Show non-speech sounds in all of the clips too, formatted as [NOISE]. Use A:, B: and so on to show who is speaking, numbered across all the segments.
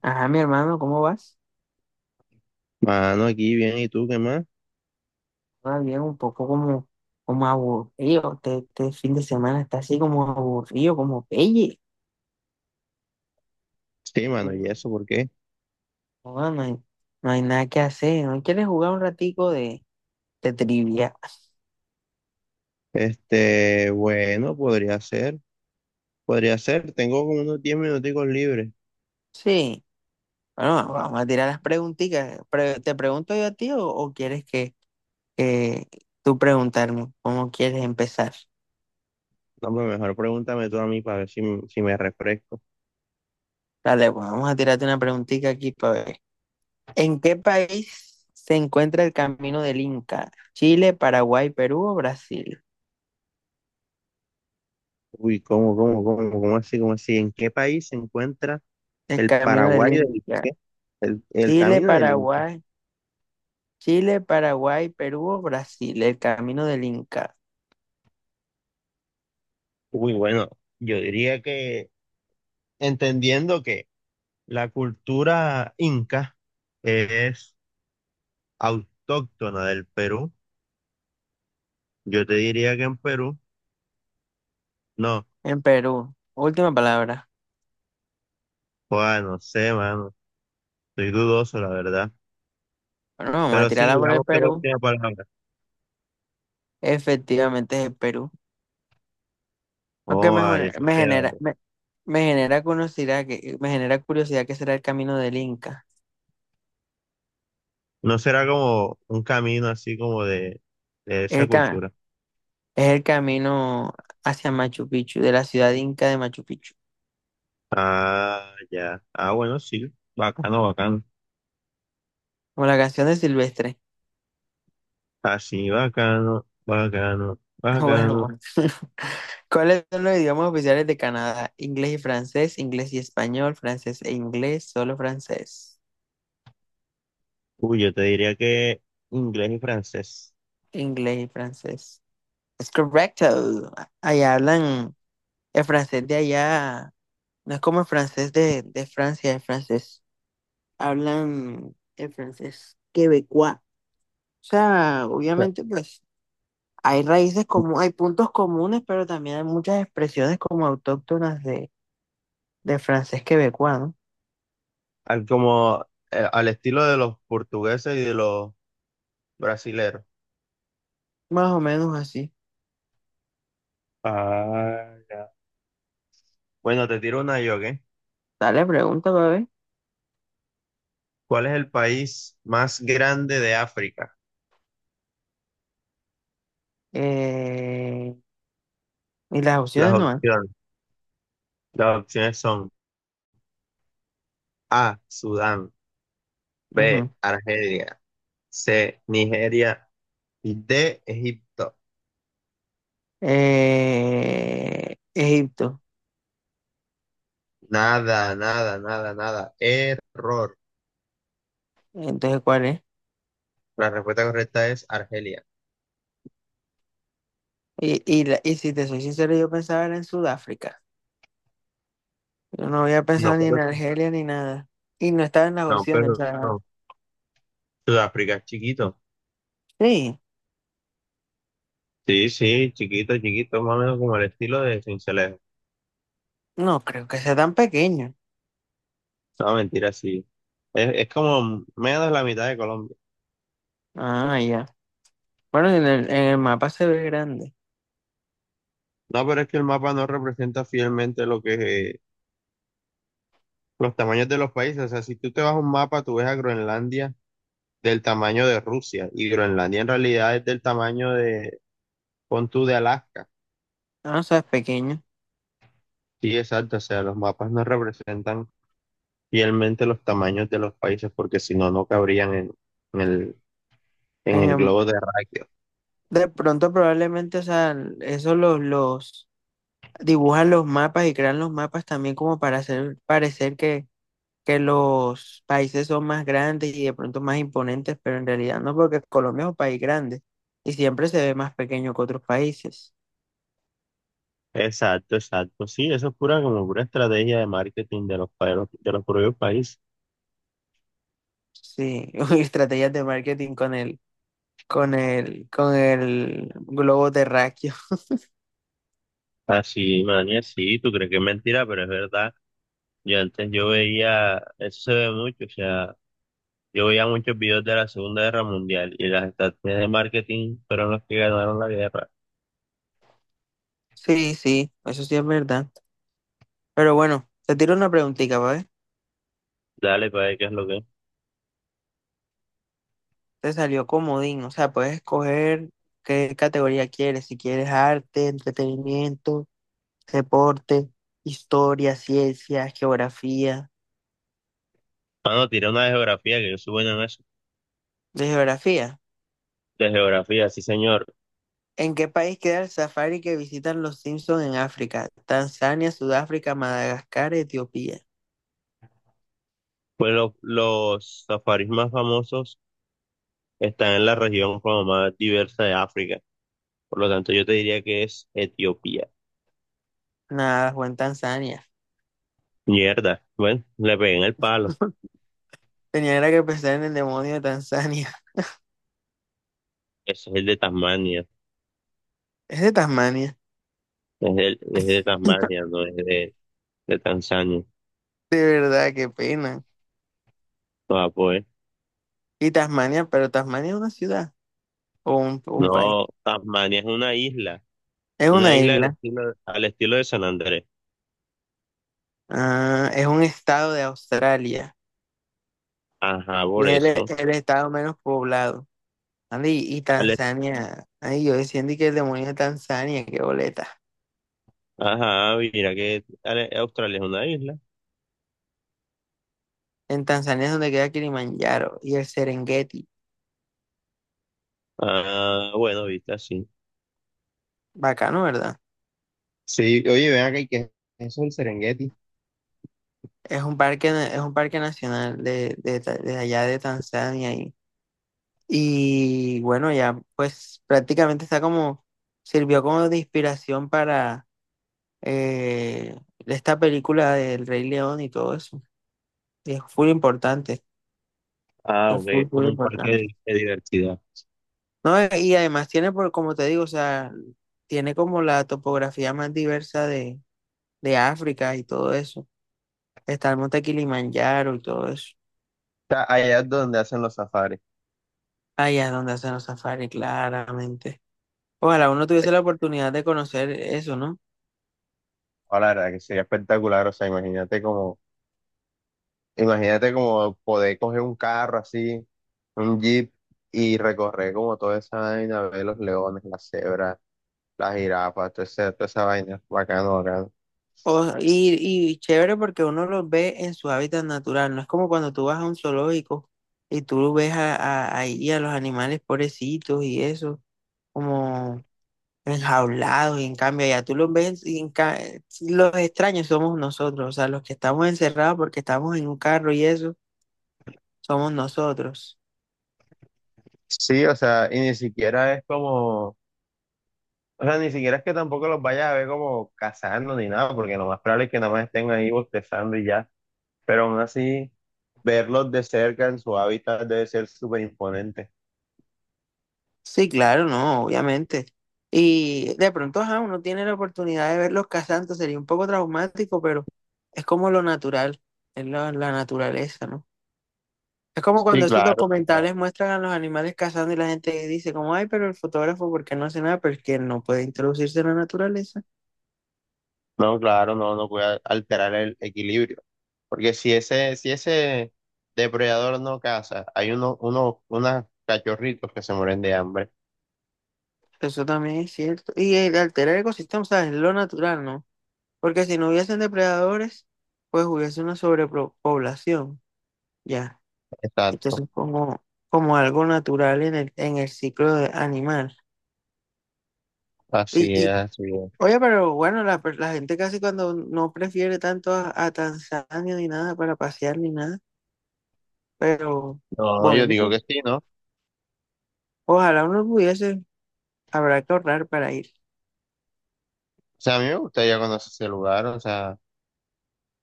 A: Ajá, mi hermano, ¿cómo vas?
B: Mano, aquí bien, ¿y tú qué más?
A: Va bien, un poco como, como aburrido. Este fin de semana está así como aburrido, como pelle.
B: Sí, mano, ¿y
A: No,
B: eso por qué?
A: no, no hay nada que hacer. ¿No quieres jugar un ratico de trivia?
B: Bueno, podría ser, tengo como unos 10 minuticos libres.
A: Sí. Bueno, vamos a tirar las preguntitas. ¿Te pregunto yo a ti o quieres que tú preguntarme cómo quieres empezar?
B: No, pues mejor pregúntame tú a mí para ver si me refresco.
A: Dale, pues, vamos a tirarte una preguntita aquí para ver. ¿En qué país se encuentra el Camino del Inca? Chile, Paraguay, Perú o Brasil.
B: Uy, ¿cómo así? ¿En qué país se encuentra
A: El
B: el
A: Camino del
B: Paraguay del
A: Inca.
B: qué? El
A: Chile,
B: camino del Inca.
A: Paraguay. Chile, Paraguay, Perú o Brasil. El Camino del Inca.
B: Uy, bueno, yo diría que entendiendo que la cultura inca es autóctona del Perú, yo te diría que en Perú. No,
A: En Perú. Última palabra.
B: joder, no sé, mano. Estoy dudoso, la verdad.
A: Bueno, vamos a
B: Pero sí,
A: tirarla por el
B: digamos que la
A: Perú.
B: última palabra.
A: Efectivamente es el Perú. Aunque
B: Oh,
A: me,
B: ay,
A: jone-
B: eso
A: me
B: queda.
A: genera, me, me genera curiosidad que será el camino del Inca.
B: No será como un camino así como de esa
A: El ca-
B: cultura.
A: es el camino hacia Machu Picchu, de la ciudad inca de Machu Picchu.
B: Ah, ya. Ah, bueno, sí. Bacano, bacano.
A: Como la canción de Silvestre. [LAUGHS]
B: Así, bacano, bacano,
A: Bueno,
B: bacano.
A: bueno. [LAUGHS] ¿Cuáles son los idiomas oficiales de Canadá? Inglés y francés, inglés y español, francés e inglés, solo francés.
B: Uy, yo te diría que inglés y francés.
A: Inglés y francés. Es correcto. Allá hablan el francés de allá. No es como el francés de Francia, el francés. Hablan el francés quebecois. O sea, obviamente, pues hay raíces como, hay puntos comunes, pero también hay muchas expresiones como autóctonas de francés quebecois, ¿no?
B: Al, como al estilo de los portugueses y de los brasileros.
A: Más o menos así.
B: Ah, ya. Bueno, te tiro una yo, ¿ok?
A: Dale, pregunta, bebé.
B: ¿Cuál es el país más grande de África?
A: Eh, y las
B: Las
A: opciones no hay.
B: opciones, las opciones son A, Sudán;
A: Ujú.
B: B, Argelia; C, Nigeria; y D, Egipto.
A: Egipto.
B: Nada, nada, nada, nada. Error.
A: Entonces, ¿cuál es?
B: La respuesta correcta es Argelia.
A: Y si te soy sincero, yo pensaba era en Sudáfrica. Yo no había
B: No,
A: pensado ni en
B: pero sí,
A: Argelia ni nada. Y no estaba en las
B: no,
A: opciones. O
B: pero
A: sea,
B: no. Sudáfrica es chiquito.
A: sí,
B: Sí, sí, chiquito, chiquito, más o menos como el estilo de Sincelejo.
A: no creo que sea tan pequeño.
B: No, mentira, sí. Es como menos de la mitad de Colombia.
A: Ah, ya. Bueno, en el mapa se ve grande.
B: No, pero es que el mapa no representa fielmente lo que los tamaños de los países, o sea, si tú te vas a un mapa, tú ves a Groenlandia del tamaño de Rusia, y Groenlandia en realidad es del tamaño de, pon tú, de Alaska.
A: Ah, o sea, es pequeño.
B: Sí, exacto, o sea, los mapas no representan fielmente los tamaños de los países porque si no, no cabrían en en
A: En
B: el
A: el-
B: globo terráqueo.
A: de pronto, probablemente, o sea, esos los dibujan los mapas y crean los mapas también como para hacer parecer que los países son más grandes y de pronto más imponentes, pero en realidad no, porque Colombia es un país grande y siempre se ve más pequeño que otros países.
B: Exacto, exacto, sí, eso es pura como pura estrategia de marketing de los, de de los propios países.
A: Sí, [LAUGHS] uy, estrategias de marketing con el globo terráqueo. [LAUGHS]
B: Así, manía, sí, tú crees que es mentira, pero es verdad. Yo antes yo veía, eso se ve mucho, o sea, yo veía muchos videos de la Segunda Guerra Mundial y las estrategias de marketing fueron los que ganaron la guerra.
A: Sí, sí, eso sí es verdad. Pero bueno, te tiro una preguntita, ¿vale?
B: Dale, para ver qué es lo que es.
A: Te salió comodín, o sea, puedes escoger qué categoría quieres, si quieres arte, entretenimiento, deporte, historia, ciencia, geografía.
B: Mano, tiré una de geografía, que yo soy bueno en eso.
A: De geografía.
B: De geografía, sí, señor.
A: ¿En qué país queda el safari que visitan los Simpson en África? Tanzania, Sudáfrica, Madagascar, Etiopía.
B: Pues los safaris más famosos están en la región como más diversa de África. Por lo tanto, yo te diría que es Etiopía.
A: Nada, fue en Tanzania.
B: Mierda. Bueno, le pegué en el palo.
A: Tenía era que pensar en el demonio de Tanzania. [LAUGHS]
B: Ese es el de Tasmania.
A: Es de Tasmania.
B: Es, el, es de Tasmania, no es de Tanzania.
A: De verdad, qué pena.
B: No, pues.
A: Y Tasmania, pero Tasmania es una ciudad o un país.
B: No, Tasmania es una isla.
A: Es
B: Una
A: una
B: isla
A: isla.
B: al estilo de San Andrés.
A: Ah, es un estado de Australia.
B: Ajá,
A: Y
B: por
A: es el
B: eso.
A: el estado menos poblado. Andy, y
B: Al est-
A: Tanzania. Ay, yo decía Andy, que el demonio de Tanzania, qué boleta.
B: ajá, mira que Australia es una isla.
A: En Tanzania es donde queda Kilimanjaro y el Serengeti.
B: Ah, bueno, viste así.
A: Bacano, ¿verdad?
B: Sí, oye, ven acá, ¿y qué es eso el Serengeti?
A: Es un parque, es un parque nacional de allá de Tanzania. Y bueno, ya pues prácticamente está como, sirvió como de inspiración para eh, esta película del Rey León y todo eso. Y es full importante,
B: Ah,
A: es
B: ok, es
A: full
B: como un parque
A: importante.
B: de diversidad. O
A: No, y además tiene, por, como te digo, o sea, tiene como la topografía más diversa de África y todo eso. Está el monte Kilimanjaro y todo eso.
B: sea, allá es donde hacen los safaris.
A: Allá es donde hacen los safaris, claramente. Ojalá uno tuviese la oportunidad de conocer eso, ¿no?
B: Ahora, la verdad que sería espectacular, o sea, imagínate como poder coger un carro así, un jeep, y recorrer como toda esa vaina, ver los leones, las cebras, las jirafas, toda esa vaina, bacano, bacano.
A: Y, y chévere porque uno los ve en su hábitat natural. No es como cuando tú vas a un zoológico y tú ves ahí a los animales pobrecitos y eso, como enjaulados y en cambio ya tú los ves y sí, los extraños somos nosotros, o sea, los que estamos encerrados porque estamos en un carro y eso, somos nosotros.
B: Sí, o sea, y ni siquiera es como, o sea, ni siquiera es que tampoco los vayas a ver como cazando ni nada, porque lo más probable es que nada más estén ahí bostezando y ya, pero aún así, verlos de cerca en su hábitat debe ser súper imponente.
A: Sí, claro, no, obviamente. Y de pronto, ajá, uno tiene la oportunidad de verlos cazando, sería un poco traumático, pero es como lo natural, es la naturaleza, ¿no? Es como cuando
B: Sí,
A: esos
B: claro, sí, claro.
A: documentales muestran a los animales cazando y la gente dice como, ay, pero el fotógrafo, ¿por qué no hace nada? Porque no puede introducirse en la naturaleza.
B: No, claro, no, no puede alterar el equilibrio, porque si ese depredador no caza, hay unos cachorritos que se mueren de hambre.
A: Eso también es cierto. Y el alterar el ecosistema, o sea, es lo natural, ¿no? Porque si no hubiesen depredadores, pues hubiese una sobrepoblación, ya.
B: Exacto,
A: Entonces, como, como algo natural en el animal. Y,
B: así es,
A: y,
B: así es.
A: oye, pero bueno, la gente casi cuando no prefiere tanto a Tanzania ni nada para pasear ni nada, pero
B: No, yo
A: bueno,
B: digo que sí, ¿no?
A: ojalá uno pudiese, habrá que ahorrar para ir.
B: O sea, a mí me gustaría conocer ese lugar, o sea,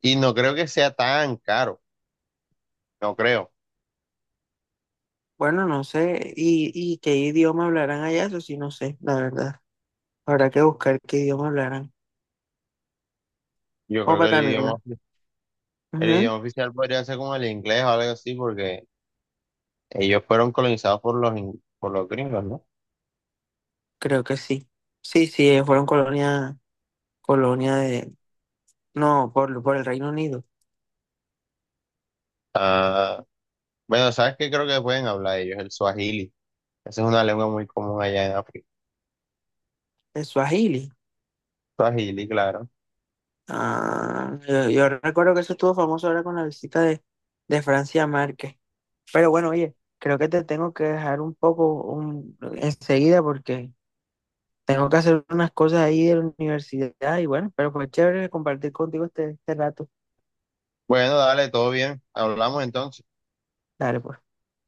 B: y no creo que sea tan caro, no creo.
A: Bueno, no sé, y qué idioma hablarán allá, eso sí, no sé, la verdad. Habrá que buscar qué idioma hablaran.
B: Yo creo
A: Opa,
B: que el idioma,
A: también.
B: el
A: Ujú.
B: idioma oficial podría ser como el inglés o algo así, porque ellos fueron colonizados por por los gringos, ¿no?
A: Creo que sí. Sí, sí, ellos fueron colonia de... No, por el Reino Unido.
B: Ah, bueno, ¿sabes qué creo que pueden hablar ellos? El swahili. Esa es una lengua muy común allá en África.
A: De Swahili.
B: Swahili, claro.
A: Ah, yo recuerdo que eso estuvo famoso ahora con la visita de Francia Márquez. Pero bueno, oye, creo que te tengo que dejar un poco un, enseguida porque tengo que hacer unas cosas ahí de la universidad y bueno, pero fue chévere compartir contigo este rato.
B: Bueno, dale, todo bien. Hablamos entonces.
A: Dale, pues.